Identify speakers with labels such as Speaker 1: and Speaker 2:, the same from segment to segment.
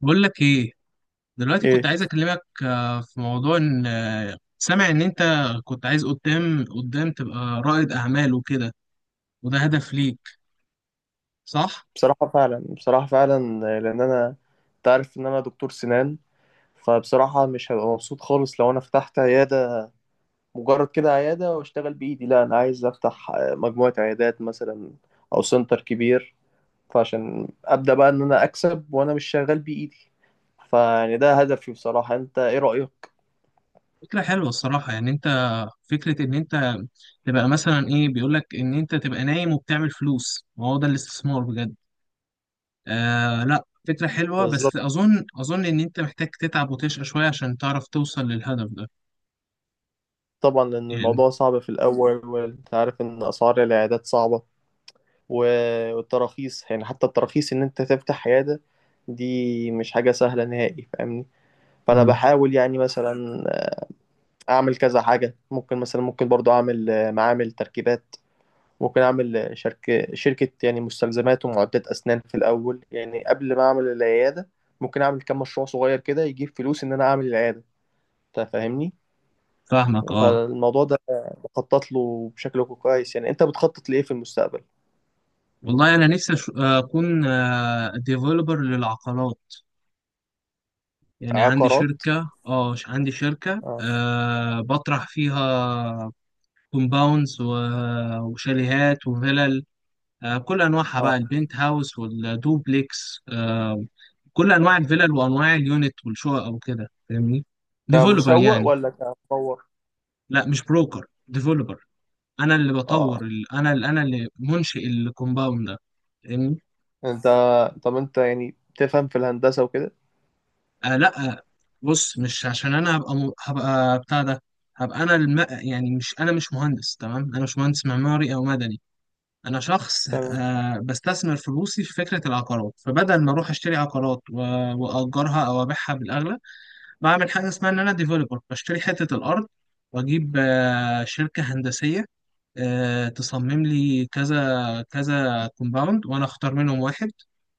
Speaker 1: بقول لك ايه. دلوقتي كنت
Speaker 2: ايه.
Speaker 1: عايز اكلمك في موضوع ان سامع ان انت كنت عايز قدام تبقى رائد اعمال وكده، وده هدف ليك، صح؟
Speaker 2: بصراحة فعلا، بصراحة فعلا. لأن أنا تعرف إن أنا دكتور سنان، فبصراحة مش هبقى مبسوط خالص لو أنا فتحت عيادة مجرد كده عيادة وأشتغل بإيدي. لا، أنا عايز أفتح مجموعة عيادات مثلا أو سنتر كبير. فعشان أبدأ بقى إن أنا أكسب وأنا مش شغال بإيدي. فيعني ده هدفي بصراحة. أنت إيه رأيك؟
Speaker 1: فكرة حلوة الصراحة، يعني انت فكرة ان انت تبقى مثلا ايه بيقولك ان انت تبقى نايم وبتعمل فلوس، ما هو ده الاستثمار بجد. آه لا فكرة حلوة،
Speaker 2: بالظبط.
Speaker 1: بس اظن ان انت محتاج تتعب وتشقى شوية عشان تعرف توصل للهدف ده.
Speaker 2: طبعا، لأن
Speaker 1: يعني
Speaker 2: الموضوع صعب في الأول وأنت عارف إن أسعار العيادات صعبة والتراخيص، يعني حتى التراخيص ان انت تفتح عيادة دي مش حاجة سهلة نهائي، فاهمني. فانا
Speaker 1: مم،
Speaker 2: بحاول يعني مثلا اعمل كذا حاجة. ممكن مثلا ممكن برضو اعمل معامل تركيبات. ممكن اعمل شركة يعني مستلزمات ومعدات اسنان في الاول، يعني قبل ما اعمل العيادة. ممكن اعمل كام مشروع صغير كده يجيب فلوس ان انا اعمل العيادة. انت فاهمني.
Speaker 1: فاهمك اه.
Speaker 2: فالموضوع ده بخطط له بشكل كويس. يعني انت بتخطط لايه في المستقبل؟
Speaker 1: والله انا نفسي اكون ديفلوبر للعقارات، يعني عندي
Speaker 2: عقارات.
Speaker 1: شركة اه عندي شركة
Speaker 2: اه.
Speaker 1: بطرح فيها كومباوندز وشاليهات وفلل، آه، كل انواعها بقى
Speaker 2: اه.
Speaker 1: البنت هاوس والدوبليكس، آه، كل انواع الفلل وانواع اليونت والشقق وكده، فاهمني؟ ديفلوبر
Speaker 2: كمسوق
Speaker 1: يعني.
Speaker 2: ولا كمطور؟
Speaker 1: لا مش بروكر، ديفلوبر. انا اللي
Speaker 2: اه.
Speaker 1: بطور انا اللي منشئ الكومباوند ده، فاهمني؟
Speaker 2: يعني انت، طب انت يعني تفهم في الهندسة وكده؟
Speaker 1: آه لا آه، بص مش عشان انا هبقى م... هبقى بتاع ده، هبقى انا الم... يعني مش انا مش مهندس، تمام؟ انا مش مهندس معماري او مدني. انا شخص
Speaker 2: تمام.
Speaker 1: آه بستثمر فلوسي في فكره العقارات، فبدل ما اروح اشتري عقارات و... واجرها او ابيعها بالاغلى، بعمل حاجه اسمها ان انا ديفلوبر، بشتري حته الارض واجيب آه شركه هندسيه آه تصمم لي كذا كذا كومباوند وانا اختار منهم واحد،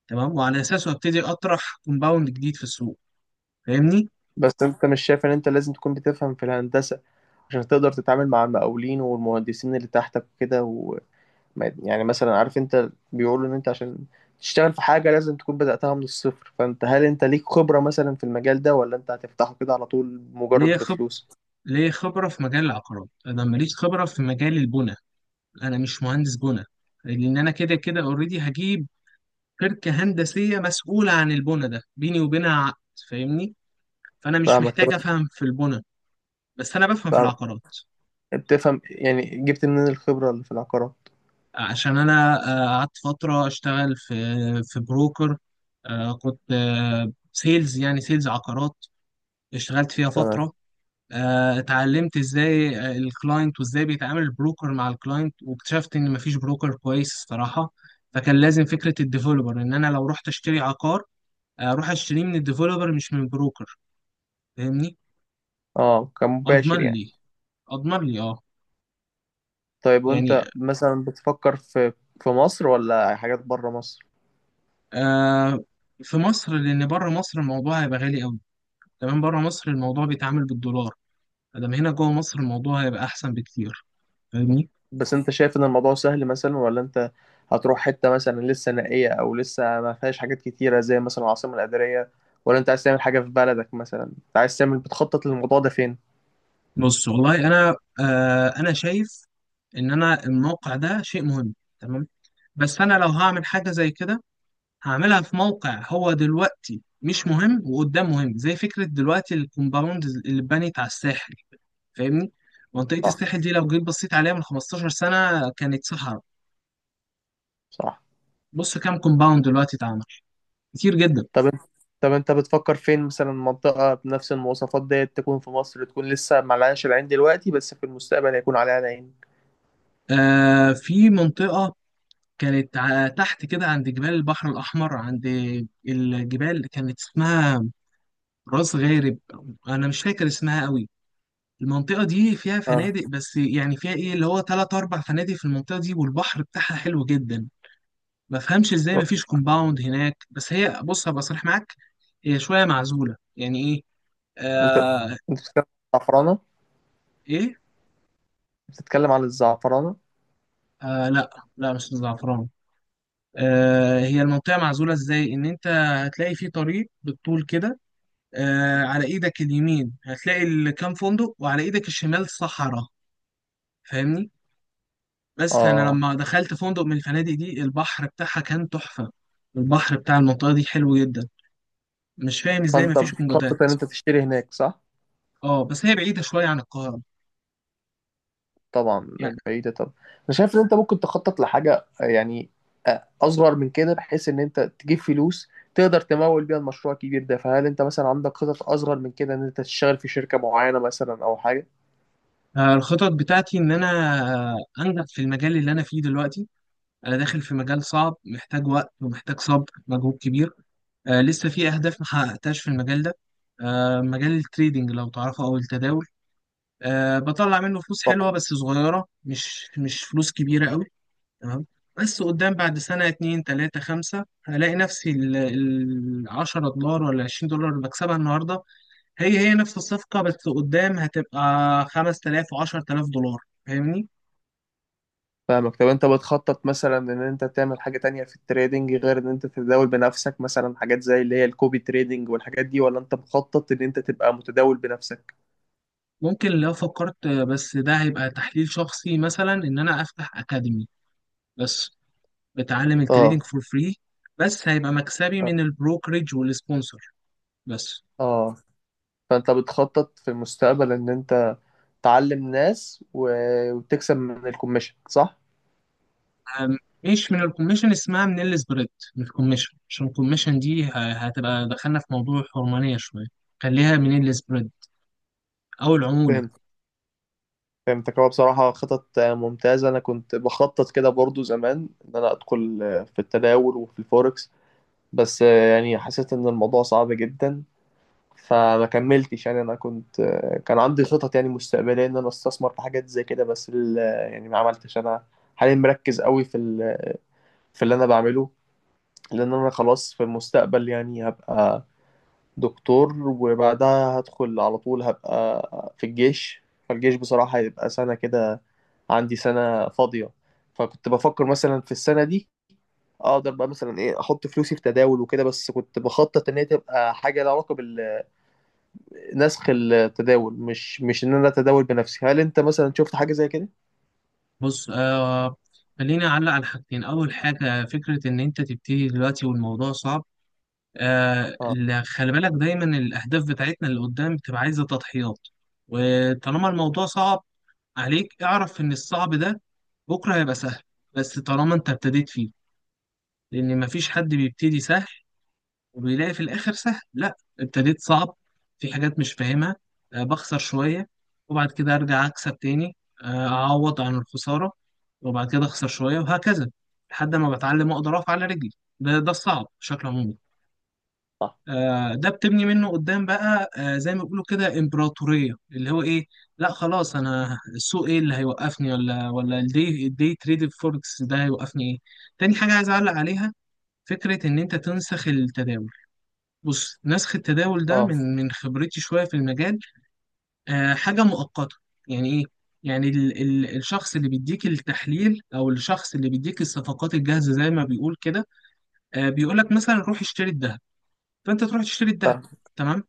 Speaker 1: تمام، وعلى اساسه ابتدي اطرح كومباوند جديد في السوق، فاهمني؟
Speaker 2: بس انت مش شايف ان انت لازم تكون بتفهم في الهندسة عشان تقدر تتعامل مع المقاولين والمهندسين اللي تحتك وكده و... يعني مثلا عارف، انت بيقولوا ان انت عشان تشتغل في حاجة لازم تكون بدأتها من الصفر. فانت هل انت ليك خبرة مثلا في المجال ده ولا انت هتفتحه كده على طول
Speaker 1: ليه
Speaker 2: مجرد
Speaker 1: خب...
Speaker 2: بفلوس؟
Speaker 1: ليه خبرة في مجال العقارات، أنا ماليش خبرة في مجال البنى، أنا مش مهندس بنى، لأن أنا كده كده أوريدي هجيب شركة هندسية مسؤولة عن البنى، ده بيني وبينها عقد، فاهمني؟ فأنا مش
Speaker 2: فاهمك. طب
Speaker 1: محتاج أفهم في البنى، بس أنا بفهم في
Speaker 2: فاهمك،
Speaker 1: العقارات.
Speaker 2: بتفهم، يعني جبت منين الخبرة اللي في العقارات؟
Speaker 1: عشان أنا قعدت فترة أشتغل في بروكر، كنت سيلز، يعني سيلز عقارات، اشتغلت فيها
Speaker 2: تمام.
Speaker 1: فترة، اتعلمت ازاي الكلاينت وازاي بيتعامل البروكر مع الكلاينت، واكتشفت ان مفيش بروكر كويس الصراحه. فكان لازم فكره الديفلوبر، ان انا لو رحت اشتري عقار اروح اشتريه من الديفلوبر مش من بروكر، فاهمني؟
Speaker 2: اه،
Speaker 1: اضمن
Speaker 2: كمباشر يعني.
Speaker 1: لي، اضمن لي اه.
Speaker 2: طيب،
Speaker 1: يعني
Speaker 2: وانت مثلا بتفكر في في مصر ولا حاجات بره مصر؟
Speaker 1: آه في مصر، لان بره مصر الموضوع هيبقى غالي قوي، كمان بره مصر الموضوع بيتعامل بالدولار. ادام هنا جوه مصر الموضوع هيبقى احسن بكتير، فاهمني؟
Speaker 2: بس انت شايف ان الموضوع سهل مثلا، ولا انت هتروح حتة مثلا لسه نائية او لسه ما فيهاش حاجات كتيرة زي مثلا العاصمة الإدارية، ولا انت عايز تعمل حاجة في بلدك؟ مثلا انت عايز تعمل، بتخطط للموضوع ده فين؟
Speaker 1: بص والله انا آه انا شايف ان انا الموقع ده شيء مهم، تمام؟ بس انا لو هعمل حاجه زي كده هعملها في موقع هو دلوقتي مش مهم وقدام مهم، زي فكره دلوقتي الكومباوند اللي اتبنت على الساحل، فاهمني؟ منطقه
Speaker 2: صح.
Speaker 1: الساحل دي لو جيت بصيت عليها من 15 سنه كانت صحراء.
Speaker 2: صح.
Speaker 1: بص كام كومباوند دلوقتي اتعمل، كتير جدا.
Speaker 2: طب انت طب انت بتفكر فين مثلا؟ منطقة بنفس المواصفات ديت تكون في مصر، تكون لسه معلهاش العين دلوقتي بس في المستقبل هيكون عليها العين.
Speaker 1: آه في منطقه كانت تحت كده عند جبال البحر الاحمر، عند الجبال، كانت اسمها راس غارب، انا مش فاكر اسمها قوي. المنطقه دي فيها
Speaker 2: اه.
Speaker 1: فنادق، بس يعني فيها ايه اللي هو تلات اربع فنادق في المنطقه دي، والبحر بتاعها حلو جدا. ما فهمش ازاي ما فيش كومباوند هناك، بس هي بص هبقى صريح معاك، هي شويه معزوله. يعني ايه؟
Speaker 2: انت
Speaker 1: آه.
Speaker 2: انت بتتكلم عن الزعفرانة؟
Speaker 1: ايه.
Speaker 2: بتتكلم عن الزعفرانة.
Speaker 1: آه لا، لا مش الزعفران. آه هي المنطقه معزوله ازاي، ان انت هتلاقي في طريق بالطول كده، آه على ايدك اليمين هتلاقي كام فندق، وعلى ايدك الشمال صحراء، فاهمني؟ بس انا
Speaker 2: اه.
Speaker 1: لما دخلت فندق من الفنادق دي البحر بتاعها كان تحفه. البحر بتاع المنطقه دي حلو جدا، مش فاهم ازاي
Speaker 2: فانت
Speaker 1: مفيش
Speaker 2: بتخطط
Speaker 1: منجدات.
Speaker 2: ان انت تشتري هناك صح؟
Speaker 1: اه بس هي بعيده شويه عن القاهره.
Speaker 2: طبعا.
Speaker 1: يعني
Speaker 2: بعيدة. طب انا شايف ان انت ممكن تخطط لحاجة يعني اصغر من كده بحيث ان انت تجيب فلوس تقدر تمول بيها المشروع الكبير ده. فهل انت مثلا عندك خطط اصغر من كده ان انت تشتغل في شركة معينة مثلا او حاجة؟
Speaker 1: الخطط بتاعتي ان انا انجح في المجال اللي انا فيه دلوقتي. انا داخل في مجال صعب، محتاج وقت ومحتاج صبر، مجهود كبير. لسه في اهداف ما حققتهاش في المجال ده. مجال التريدينج لو تعرفه، او التداول. بطلع منه فلوس
Speaker 2: طبعا.
Speaker 1: حلوه بس صغيره، مش فلوس كبيره قوي. تمام. بس قدام بعد سنة اتنين تلاتة خمسة هلاقي نفسي العشرة دولار ولا عشرين دولار اللي بكسبها النهاردة، هي هي نفس الصفقة بس قدام هتبقى خمس تلاف وعشر تلاف دولار، فاهمني؟
Speaker 2: فاهمك. طب انت بتخطط مثلا ان انت تعمل حاجة تانية في التريدنج غير ان انت تتداول بنفسك؟ مثلا حاجات زي اللي هي الكوبي تريدنج والحاجات دي، ولا انت مخطط ان انت تبقى متداول بنفسك؟
Speaker 1: ممكن لو فكرت، بس ده هيبقى تحليل شخصي، مثلا إن أنا أفتح أكاديمي بس بتعلم
Speaker 2: اه.
Speaker 1: التريدينج فور فري، بس هيبقى مكسبي من البروكريج والسبونسر بس.
Speaker 2: اه. فانت بتخطط في المستقبل ان انت تعلم ناس وتكسب من الكوميشن صح؟
Speaker 1: أم- مش من الكوميشن، اسمها من السبريد. من الكوميشن عشان الكوميشن دي هتبقى دخلنا في موضوع حرمانية شوية، خليها من السبريد، أو العمولة.
Speaker 2: فهمت. فهمتك. هو بصراحة خطط ممتازة. أنا كنت بخطط كده برضو زمان إن أنا أدخل في التداول وفي الفوركس، بس يعني حسيت إن الموضوع صعب جدا فما كملتش. يعني أنا كنت كان عندي خطط يعني مستقبلية إن أنا أستثمر في حاجات زي كده، بس يعني ما عملتش أنا حاليا مركز قوي في في اللي أنا بعمله، لأن أنا خلاص في المستقبل يعني هبقى دكتور وبعدها هدخل على طول هبقى في الجيش. فالجيش بصراحة هيبقى سنة كده، عندي سنة فاضية. فكنت بفكر مثلا في السنة دي اقدر بقى مثلا ايه احط فلوسي في تداول وكده، بس كنت بخطط ان هي تبقى حاجة لها علاقة بنسخ التداول، مش ان انا اتداول بنفسي. هل انت مثلا شفت حاجة زي كده؟
Speaker 1: بص آه خليني أعلق على حاجتين. أول حاجة فكرة إن أنت تبتدي دلوقتي والموضوع صعب، آه لا، خلي بالك دايما الأهداف بتاعتنا اللي قدام بتبقى عايزة تضحيات، وطالما الموضوع صعب عليك اعرف إن الصعب ده بكرة هيبقى سهل، بس طالما أنت ابتديت فيه. لأن مفيش حد بيبتدي سهل وبيلاقي في الاخر سهل، لا ابتديت صعب، في حاجات مش فاهمها، بخسر شويه، وبعد كده ارجع اكسب تاني، اعوض عن الخساره، وبعد كده اخسر شويه وهكذا، لحد ما بتعلم اقدر اقف على رجلي. ده الصعب بشكل عمومي.
Speaker 2: صح.
Speaker 1: ده بتبني منه قدام بقى زي ما بيقولوا كده امبراطوريه، اللي هو ايه، لا خلاص انا السوق ايه اللي هيوقفني، ولا الدي تريد فوركس ده هيوقفني ايه. تاني حاجه عايز اعلق عليها، فكره ان انت تنسخ التداول. بص نسخ التداول ده
Speaker 2: اه.
Speaker 1: من خبرتي شوية في المجال آه حاجة مؤقتة. يعني إيه؟ يعني ال الشخص اللي بيديك التحليل، أو الشخص اللي بيديك الصفقات الجاهزة زي ما بيقول كده، آه بيقول لك مثلا روح اشتري الذهب، فأنت تروح تشتري الذهب،
Speaker 2: فاهم.
Speaker 1: تمام؟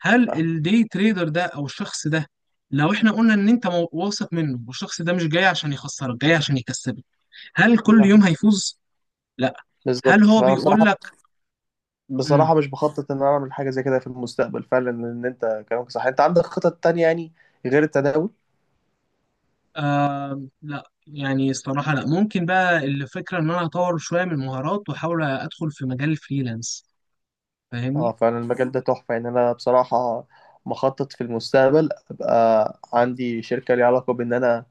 Speaker 1: هل
Speaker 2: فاهم.
Speaker 1: الدي تريدر ده أو الشخص ده، لو احنا قلنا ان انت واثق منه والشخص ده مش جاي عشان يخسرك، جاي عشان يكسبك، هل كل
Speaker 2: فاهم.
Speaker 1: يوم هيفوز؟ لا. هل
Speaker 2: بالظبط.
Speaker 1: هو
Speaker 2: فانا
Speaker 1: بيقول
Speaker 2: بصراحة،
Speaker 1: لك؟
Speaker 2: بصراحة مش بخطط ان انا اعمل حاجة زي كده في المستقبل. فعلا ان انت كلامك صح. انت عندك خطط تانية يعني غير التداول؟
Speaker 1: لا. يعني الصراحة لا. ممكن بقى الفكرة إن أنا أطور شوية من المهارات وأحاول أدخل في مجال الفريلانس،
Speaker 2: اه
Speaker 1: فاهمني؟
Speaker 2: فعلا المجال ده تحفة. يعني أنا بصراحة مخطط في المستقبل أبقى عندي شركة ليها علاقة بإن أنا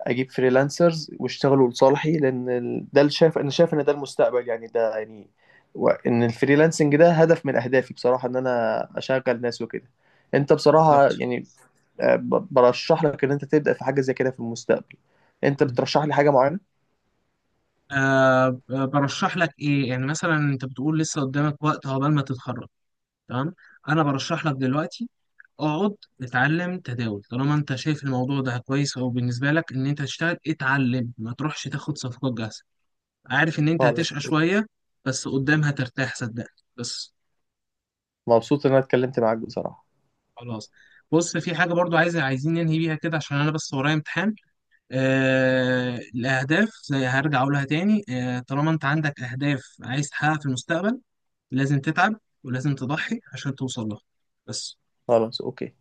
Speaker 2: أجيب فريلانسرز واشتغلوا لصالحي، لأن ده اللي شايف، أنا شايف إن ده المستقبل يعني. ده يعني إن الفريلانسنج ده هدف من أهدافي بصراحة، إن أنا أشغل ناس وكده. أنت بصراحة
Speaker 1: بالظبط.
Speaker 2: يعني برشح لك إن أنت تبدأ في حاجة زي كده في المستقبل. أنت
Speaker 1: مم.
Speaker 2: بترشح لي حاجة معينة؟
Speaker 1: أه برشح لك إيه، يعني مثلا أنت بتقول لسه قدامك وقت عقبال ما تتخرج، تمام؟ أنا برشح لك دلوقتي اقعد اتعلم تداول، طالما انت شايف الموضوع ده كويس او بالنسبه لك ان انت تشتغل اتعلم، ما تروحش تاخد صفقات جاهزه. عارف ان انت
Speaker 2: خلاص.
Speaker 1: هتشقى شويه، بس قدام هترتاح صدقني، بس.
Speaker 2: مبسوط إن أنا اتكلمت معاك بصراحة.
Speaker 1: خلاص. بص في حاجة برضو عايزين ننهي بيها كده عشان أنا بس ورايا امتحان. آه الأهداف زي هرجع أقولها تاني، آه طالما أنت عندك أهداف عايز تحققها في المستقبل لازم تتعب، ولازم تضحي عشان توصل لها، بس.
Speaker 2: خلاص، أوكي.